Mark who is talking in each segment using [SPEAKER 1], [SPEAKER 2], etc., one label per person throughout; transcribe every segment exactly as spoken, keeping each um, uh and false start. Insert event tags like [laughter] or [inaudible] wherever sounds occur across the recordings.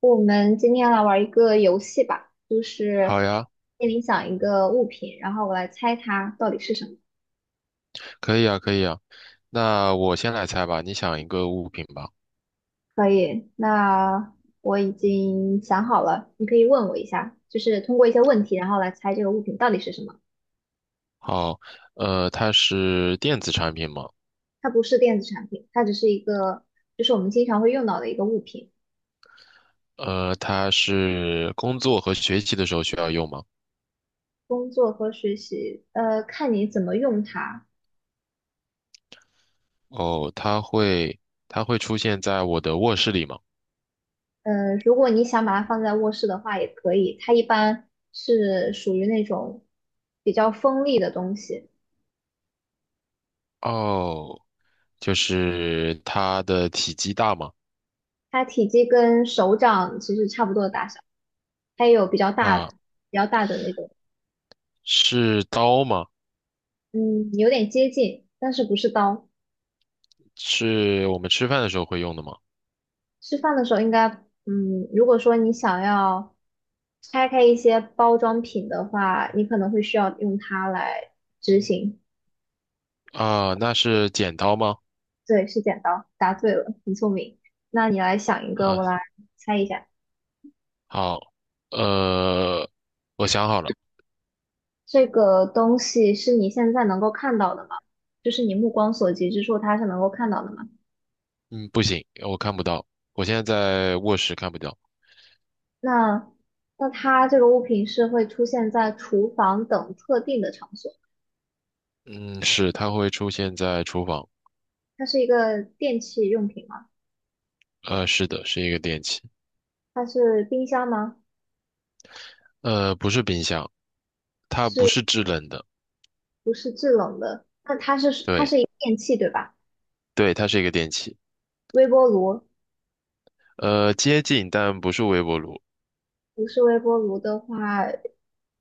[SPEAKER 1] 我们今天来玩一个游戏吧，就是
[SPEAKER 2] 好呀，
[SPEAKER 1] 心里想一个物品，然后我来猜它到底是什么。
[SPEAKER 2] 可以啊，可以啊。那我先来猜吧，你想一个物品吧。
[SPEAKER 1] 可以，那我已经想好了，你可以问我一下，就是通过一些问题，然后来猜这个物品到底是什么。
[SPEAKER 2] 好，呃，它是电子产品吗？
[SPEAKER 1] 它不是电子产品，它只是一个，就是我们经常会用到的一个物品。
[SPEAKER 2] 呃，它是工作和学习的时候需要用吗？
[SPEAKER 1] 工作和学习，呃，看你怎么用它。
[SPEAKER 2] 哦，它会，它会出现在我的卧室里吗？
[SPEAKER 1] 呃，如果你想把它放在卧室的话，也可以。它一般是属于那种比较锋利的东西。
[SPEAKER 2] 哦，就是它的体积大吗？
[SPEAKER 1] 它体积跟手掌其实差不多的大小，它也有比较大、
[SPEAKER 2] 啊，
[SPEAKER 1] 比较大的那种，
[SPEAKER 2] 是刀吗？
[SPEAKER 1] 嗯，有点接近，但是不是刀。
[SPEAKER 2] 是我们吃饭的时候会用的吗？
[SPEAKER 1] 吃饭的时候应该，嗯，如果说你想要拆开一些包装品的话，你可能会需要用它来执行。
[SPEAKER 2] 啊，那是剪刀吗？
[SPEAKER 1] 对，是剪刀，答对了，很聪明。那你来想一个，
[SPEAKER 2] 啊，
[SPEAKER 1] 我来猜一下，
[SPEAKER 2] 好，呃，我想好了。
[SPEAKER 1] 这个东西是你现在能够看到的吗？就是你目光所及之处，它是能够看到的吗？
[SPEAKER 2] 嗯，不行，我看不到，我现在在卧室看不到。
[SPEAKER 1] 那那它这个物品是会出现在厨房等特定的场所。
[SPEAKER 2] 嗯，是，它会出现在厨房。
[SPEAKER 1] 它是一个电器用品吗？
[SPEAKER 2] 呃，是的，是一个电器。
[SPEAKER 1] 它是冰箱吗？
[SPEAKER 2] 呃，不是冰箱，它
[SPEAKER 1] 是
[SPEAKER 2] 不是制冷的。
[SPEAKER 1] 不是制冷的？那它是它
[SPEAKER 2] 对，
[SPEAKER 1] 是一个电器对吧？
[SPEAKER 2] 对，它是一个电器。
[SPEAKER 1] 微波炉。
[SPEAKER 2] 呃，接近，但不是微波炉。
[SPEAKER 1] 不是微波炉的话，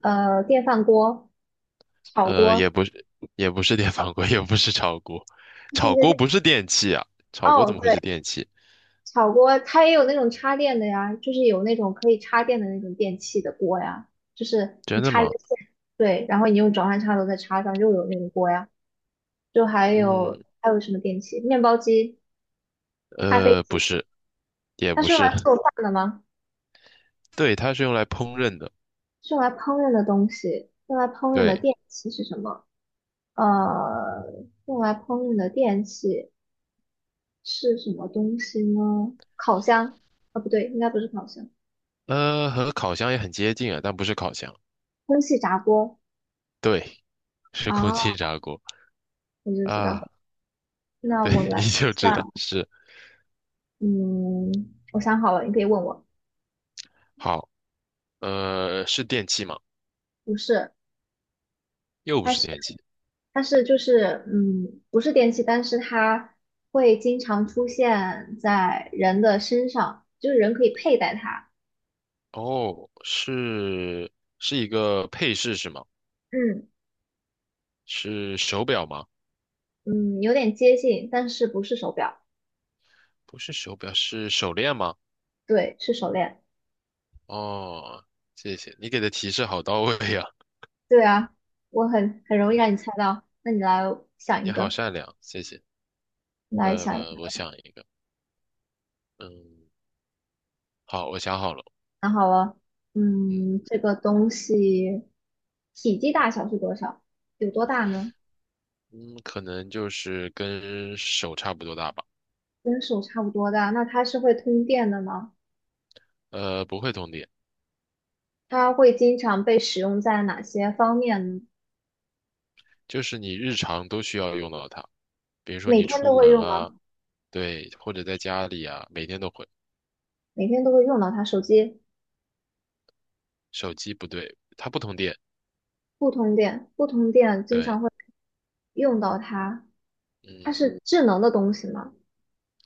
[SPEAKER 1] 呃，电饭锅、炒
[SPEAKER 2] 呃，
[SPEAKER 1] 锅，
[SPEAKER 2] 也不是，也不是电饭锅，也不是炒锅。
[SPEAKER 1] 这是一
[SPEAKER 2] 炒
[SPEAKER 1] 个
[SPEAKER 2] 锅
[SPEAKER 1] 电。
[SPEAKER 2] 不是电器啊，炒锅
[SPEAKER 1] 哦，
[SPEAKER 2] 怎么会是
[SPEAKER 1] 对。
[SPEAKER 2] 电器？
[SPEAKER 1] 炒锅它也有那种插电的呀，就是有那种可以插电的那种电器的锅呀，就是你
[SPEAKER 2] 真的
[SPEAKER 1] 插一个
[SPEAKER 2] 吗？
[SPEAKER 1] 线，对，然后你用转换插头再插上，又有那个锅呀。就还有
[SPEAKER 2] 嗯，
[SPEAKER 1] 还有什么电器？面包机、咖啡
[SPEAKER 2] 呃，
[SPEAKER 1] 机，
[SPEAKER 2] 不是，也
[SPEAKER 1] 它
[SPEAKER 2] 不
[SPEAKER 1] 是用
[SPEAKER 2] 是。
[SPEAKER 1] 来
[SPEAKER 2] [laughs]
[SPEAKER 1] 做饭的吗？
[SPEAKER 2] 对，它是用来烹饪的。
[SPEAKER 1] 是用来烹饪的东西，用来烹饪的
[SPEAKER 2] 对，
[SPEAKER 1] 电器是什么？呃，用来烹饪的电器是什么东西呢？烤箱？啊，不对，应该不是烤箱，
[SPEAKER 2] 呃，和烤箱也很接近啊，但不是烤箱。
[SPEAKER 1] 空气炸锅。
[SPEAKER 2] 对，是空气
[SPEAKER 1] 啊，
[SPEAKER 2] 炸锅
[SPEAKER 1] 我就知道。
[SPEAKER 2] 啊。
[SPEAKER 1] 那
[SPEAKER 2] 对，
[SPEAKER 1] 我
[SPEAKER 2] [laughs]
[SPEAKER 1] 来
[SPEAKER 2] 你就知
[SPEAKER 1] 想，
[SPEAKER 2] 道是。
[SPEAKER 1] 嗯，我想好了，你可以问我。
[SPEAKER 2] 好，呃，是电器吗？
[SPEAKER 1] 不是，
[SPEAKER 2] 又不
[SPEAKER 1] 它
[SPEAKER 2] 是
[SPEAKER 1] 是
[SPEAKER 2] 电器，
[SPEAKER 1] 它是就是嗯，不是电器，但是它会经常出现在人的身上，就是人可以佩戴它。
[SPEAKER 2] 哦，是是一个配饰是吗？
[SPEAKER 1] 嗯
[SPEAKER 2] 是手表吗？
[SPEAKER 1] 嗯，有点接近，但是不是手表，
[SPEAKER 2] 不是手表，是手链吗？
[SPEAKER 1] 对，是手链。
[SPEAKER 2] 哦，谢谢，你给的提示好到位呀，
[SPEAKER 1] 对啊，我很很容易让你猜到。那你来想
[SPEAKER 2] 你
[SPEAKER 1] 一
[SPEAKER 2] 好
[SPEAKER 1] 个，
[SPEAKER 2] 善良，谢谢。
[SPEAKER 1] 来想一
[SPEAKER 2] 呃，
[SPEAKER 1] 个。
[SPEAKER 2] 我想一个，嗯，好，我想好了。
[SPEAKER 1] 想好了。
[SPEAKER 2] 嗯
[SPEAKER 1] 嗯，这个东西体积大小是多少？有多大呢？
[SPEAKER 2] 嗯，可能就是跟手差不多大吧，
[SPEAKER 1] 跟手差不多大，那它是会通电的吗？
[SPEAKER 2] 呃，不会通电。
[SPEAKER 1] 它会经常被使用在哪些方面呢？
[SPEAKER 2] 就是你日常都需要用到它，比如说
[SPEAKER 1] 每
[SPEAKER 2] 你
[SPEAKER 1] 天
[SPEAKER 2] 出
[SPEAKER 1] 都会
[SPEAKER 2] 门
[SPEAKER 1] 用
[SPEAKER 2] 啊，
[SPEAKER 1] 吗？
[SPEAKER 2] 对，或者在家里啊，每天都会。
[SPEAKER 1] 每天都会用到它。手机
[SPEAKER 2] 手机不对，它不通电，
[SPEAKER 1] 不通电，不通电经
[SPEAKER 2] 对，
[SPEAKER 1] 常会用到它。它
[SPEAKER 2] 嗯，
[SPEAKER 1] 是智能的东西吗？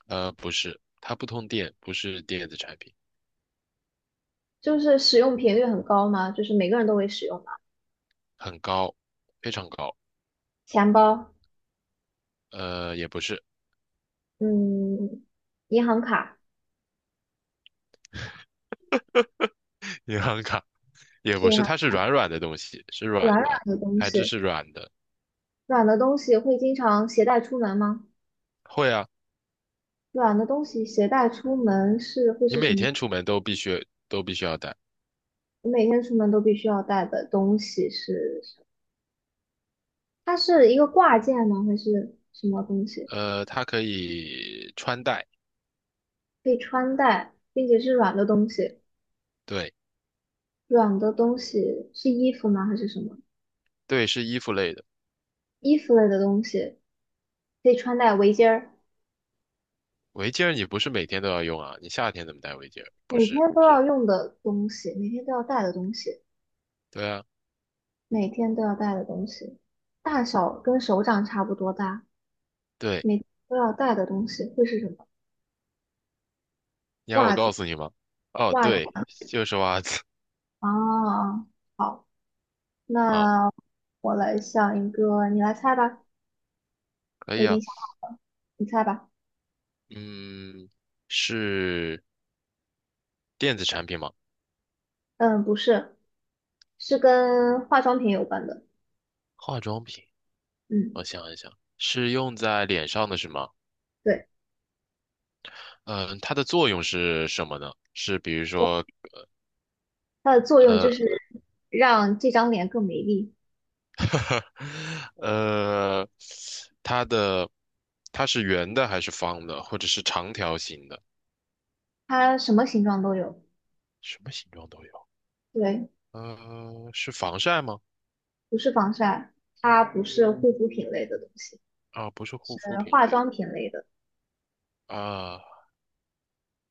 [SPEAKER 2] 呃，不是，它不通电，不是电子产品，
[SPEAKER 1] 就是使用频率很高吗？就是每个人都会使用吗？
[SPEAKER 2] 很高，非常高，
[SPEAKER 1] 钱包。
[SPEAKER 2] 呃，也不是。
[SPEAKER 1] 嗯，银行卡。
[SPEAKER 2] [laughs] 银行卡，也
[SPEAKER 1] 是
[SPEAKER 2] 不
[SPEAKER 1] 银
[SPEAKER 2] 是，
[SPEAKER 1] 行
[SPEAKER 2] 它是软软的东西，是
[SPEAKER 1] 软
[SPEAKER 2] 软
[SPEAKER 1] 软
[SPEAKER 2] 的，
[SPEAKER 1] 的东
[SPEAKER 2] 材质
[SPEAKER 1] 西，
[SPEAKER 2] 是软的。
[SPEAKER 1] 软的东西会经常携带出门吗？
[SPEAKER 2] 会啊，
[SPEAKER 1] 软的东西携带出门是会
[SPEAKER 2] 你
[SPEAKER 1] 是什
[SPEAKER 2] 每
[SPEAKER 1] 么？
[SPEAKER 2] 天出门都必须都必须要带，
[SPEAKER 1] 我每天出门都必须要带的东西是什么，它是一个挂件吗？还是什么东西？
[SPEAKER 2] 呃，它可以穿戴，
[SPEAKER 1] 可以穿戴，并且是软的东西。
[SPEAKER 2] 对
[SPEAKER 1] 软的东西是衣服吗？还是什么？
[SPEAKER 2] 对，是衣服类的。
[SPEAKER 1] 衣服类的东西可以穿戴围巾儿，
[SPEAKER 2] 围巾儿你不是每天都要用啊？你夏天怎么戴围巾儿？不
[SPEAKER 1] 每
[SPEAKER 2] 是，
[SPEAKER 1] 天都要用的东西，每天都要带的东西，
[SPEAKER 2] 对啊，
[SPEAKER 1] 每天都要带的东西，大小跟手掌差不多大，
[SPEAKER 2] 对，
[SPEAKER 1] 每天都要带的东西会是什么？
[SPEAKER 2] 你要我
[SPEAKER 1] 袜
[SPEAKER 2] 告
[SPEAKER 1] 子。
[SPEAKER 2] 诉你吗？哦，
[SPEAKER 1] 袜子
[SPEAKER 2] 对，就是 [laughs] 袜子。
[SPEAKER 1] 啊，好。
[SPEAKER 2] [laughs] 好，
[SPEAKER 1] 那我来想一个，你来猜吧。
[SPEAKER 2] 可
[SPEAKER 1] 我
[SPEAKER 2] 以
[SPEAKER 1] 已经
[SPEAKER 2] 啊。
[SPEAKER 1] 想好了，你猜吧。
[SPEAKER 2] 嗯，是电子产品吗？
[SPEAKER 1] 嗯，不是，是跟化妆品有关的。
[SPEAKER 2] 化妆品，
[SPEAKER 1] 嗯，
[SPEAKER 2] 我想一想，是用在脸上的是吗？
[SPEAKER 1] 对，
[SPEAKER 2] 嗯、它的作用是什么呢？是比如说，
[SPEAKER 1] 它的作用就
[SPEAKER 2] 呃，
[SPEAKER 1] 是让这张脸更美丽。
[SPEAKER 2] [laughs] 呃，它的它是圆的还是方的，或者是长条形的？
[SPEAKER 1] 它什么形状都有。
[SPEAKER 2] 什么形状都有。
[SPEAKER 1] 对，
[SPEAKER 2] 呃，是防晒吗？
[SPEAKER 1] 不是防晒，它不是护肤品类的东西，
[SPEAKER 2] 啊，不是护
[SPEAKER 1] 是
[SPEAKER 2] 肤品
[SPEAKER 1] 化
[SPEAKER 2] 类
[SPEAKER 1] 妆品类的，
[SPEAKER 2] 的啊，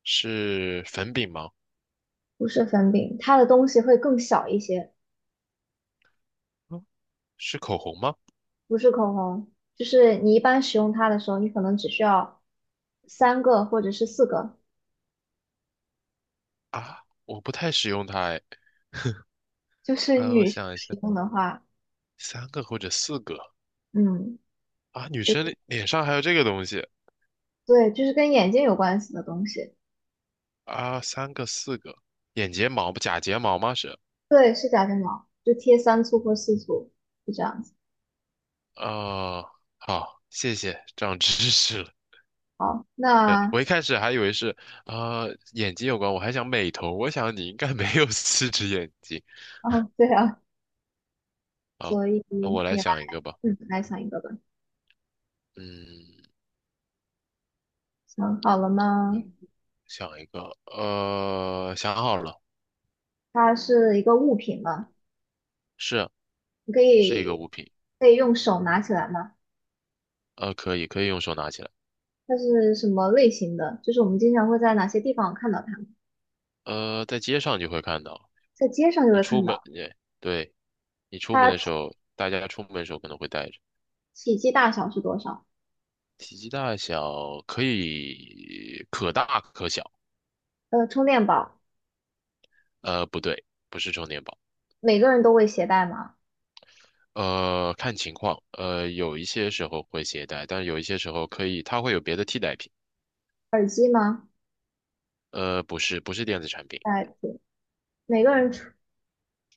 [SPEAKER 2] 是粉饼吗？
[SPEAKER 1] 不是粉饼。它的东西会更小一些，
[SPEAKER 2] 嗯，是口红吗？
[SPEAKER 1] 不是口红。就是你一般使用它的时候，你可能只需要三个或者是四个。
[SPEAKER 2] 啊，我不太使用它哎。
[SPEAKER 1] 就是
[SPEAKER 2] 呃，我
[SPEAKER 1] 女生
[SPEAKER 2] 想一
[SPEAKER 1] 使
[SPEAKER 2] 下，
[SPEAKER 1] 用的话，
[SPEAKER 2] 三个或者四个
[SPEAKER 1] 嗯，
[SPEAKER 2] 啊，女
[SPEAKER 1] 就是
[SPEAKER 2] 生的脸上还有这个东西
[SPEAKER 1] 对，就是跟眼睛有关系的东西，
[SPEAKER 2] 啊，三个四个，眼睫毛不假睫毛吗？是
[SPEAKER 1] 对，是假睫毛，就贴三簇或四簇，就这样子。
[SPEAKER 2] 啊，好，谢谢，长知识了。
[SPEAKER 1] 好。
[SPEAKER 2] 对，
[SPEAKER 1] 那
[SPEAKER 2] 我一开始还以为是啊、呃眼睛有关，我还想美瞳，我想你应该没有四只眼睛。
[SPEAKER 1] 哦，对啊，
[SPEAKER 2] 好，
[SPEAKER 1] 所以
[SPEAKER 2] 那我来
[SPEAKER 1] 你来，
[SPEAKER 2] 想一个吧。
[SPEAKER 1] 嗯，来想一个吧。
[SPEAKER 2] 嗯，
[SPEAKER 1] 想好了吗？
[SPEAKER 2] 想一个，呃，想好了，
[SPEAKER 1] 它是一个物品吗？
[SPEAKER 2] 是
[SPEAKER 1] 你可
[SPEAKER 2] 是一个
[SPEAKER 1] 以
[SPEAKER 2] 物品，
[SPEAKER 1] 可以用手拿起来吗？
[SPEAKER 2] 呃，可以可以用手拿起来，
[SPEAKER 1] 它是什么类型的？就是我们经常会在哪些地方看到它？
[SPEAKER 2] 呃，在街上就会看到，
[SPEAKER 1] 在街上就
[SPEAKER 2] 你
[SPEAKER 1] 会
[SPEAKER 2] 出
[SPEAKER 1] 看到。
[SPEAKER 2] 门，对，对，你出门的时
[SPEAKER 1] 它
[SPEAKER 2] 候，大家出门的时候可能会带着，
[SPEAKER 1] 体积大小是多少？
[SPEAKER 2] 体积大小可以可大可小，
[SPEAKER 1] 呃，充电宝。
[SPEAKER 2] 呃，不对，不是充电宝，
[SPEAKER 1] 每个人都会携带吗？
[SPEAKER 2] 呃，看情况，呃，有一些时候会携带，但有一些时候可以，它会有别的替代品，呃，不是不是电子产品，
[SPEAKER 1] 代品，每个人出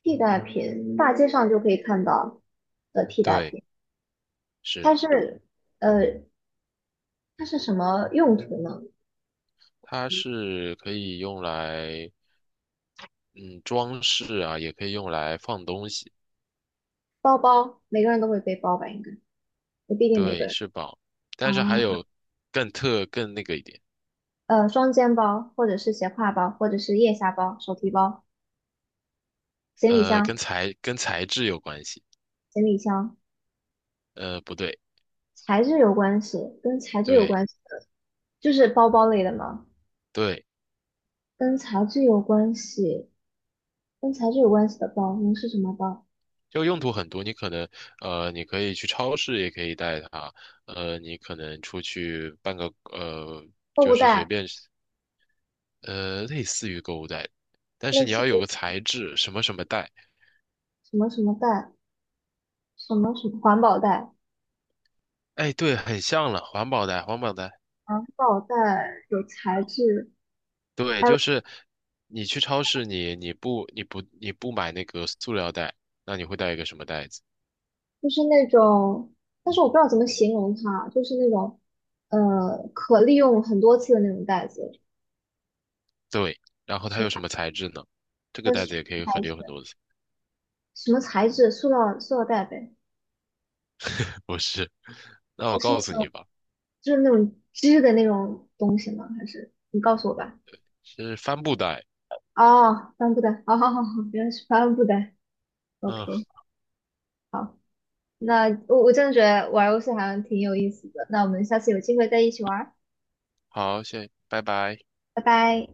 [SPEAKER 1] 替代品，大街上就可以看到的替代
[SPEAKER 2] 对，
[SPEAKER 1] 品。它
[SPEAKER 2] 是
[SPEAKER 1] 是，呃，它是什么用途呢？
[SPEAKER 2] 它是可以用来。嗯，装饰啊，也可以用来放东西，
[SPEAKER 1] 包包，每个人都会背包吧？应该也不一定每个
[SPEAKER 2] 对，
[SPEAKER 1] 人。
[SPEAKER 2] 是宝。
[SPEAKER 1] 啊，
[SPEAKER 2] 但是还有更特更那个一点，
[SPEAKER 1] 呃，双肩包，或者是斜挎包，或者是腋下包、手提包、行李
[SPEAKER 2] 呃，
[SPEAKER 1] 箱、
[SPEAKER 2] 跟材跟材质有关系，
[SPEAKER 1] 行李箱，
[SPEAKER 2] 呃，不对，
[SPEAKER 1] 材质有关系，跟材质有
[SPEAKER 2] 对
[SPEAKER 1] 关系的，就是包包类的嘛，
[SPEAKER 2] 对，
[SPEAKER 1] 跟材质有关系，跟材质有关系的包，能是什么包？
[SPEAKER 2] 就用途很多，你可能呃，你可以去超市也可以带它，呃，你可能出去办个呃，
[SPEAKER 1] 购
[SPEAKER 2] 就
[SPEAKER 1] 物
[SPEAKER 2] 是随
[SPEAKER 1] 袋，
[SPEAKER 2] 便呃，类似于购物袋，但是
[SPEAKER 1] 类
[SPEAKER 2] 你
[SPEAKER 1] 似
[SPEAKER 2] 要有
[SPEAKER 1] 于
[SPEAKER 2] 个材质，什么什么袋，
[SPEAKER 1] 什么什么袋？什么什么环保袋？
[SPEAKER 2] 哎，对，很像了，环保袋，环保袋。
[SPEAKER 1] 环保袋有材质，
[SPEAKER 2] 对，
[SPEAKER 1] 还有
[SPEAKER 2] 就是你去超市你，你不你不你不买那个塑料袋，那你会带一个什么袋子？
[SPEAKER 1] 就是那种，但是我不知道怎么形容它，就是那种呃可利用很多次的那种袋子，
[SPEAKER 2] 对，然后它
[SPEAKER 1] 是
[SPEAKER 2] 有什么材质呢？这个
[SPEAKER 1] 它是
[SPEAKER 2] 袋子也可以
[SPEAKER 1] 材
[SPEAKER 2] 很有很
[SPEAKER 1] 质
[SPEAKER 2] 多次，
[SPEAKER 1] 什么材质？塑料塑料袋呗，
[SPEAKER 2] [laughs] 不是？[laughs] 那我
[SPEAKER 1] 是
[SPEAKER 2] 告诉
[SPEAKER 1] 那种
[SPEAKER 2] 你吧，
[SPEAKER 1] 就是那种织的那种东西吗？还是你告诉我吧？
[SPEAKER 2] 是帆布袋。
[SPEAKER 1] 哦，帆布袋，哦，好好好，原来是帆布袋
[SPEAKER 2] 嗯，
[SPEAKER 1] ，OK。好，那我我真的觉得玩游戏好像挺有意思的，那我们下次有机会再一起玩儿，
[SPEAKER 2] 好，谢，拜拜。
[SPEAKER 1] 拜拜。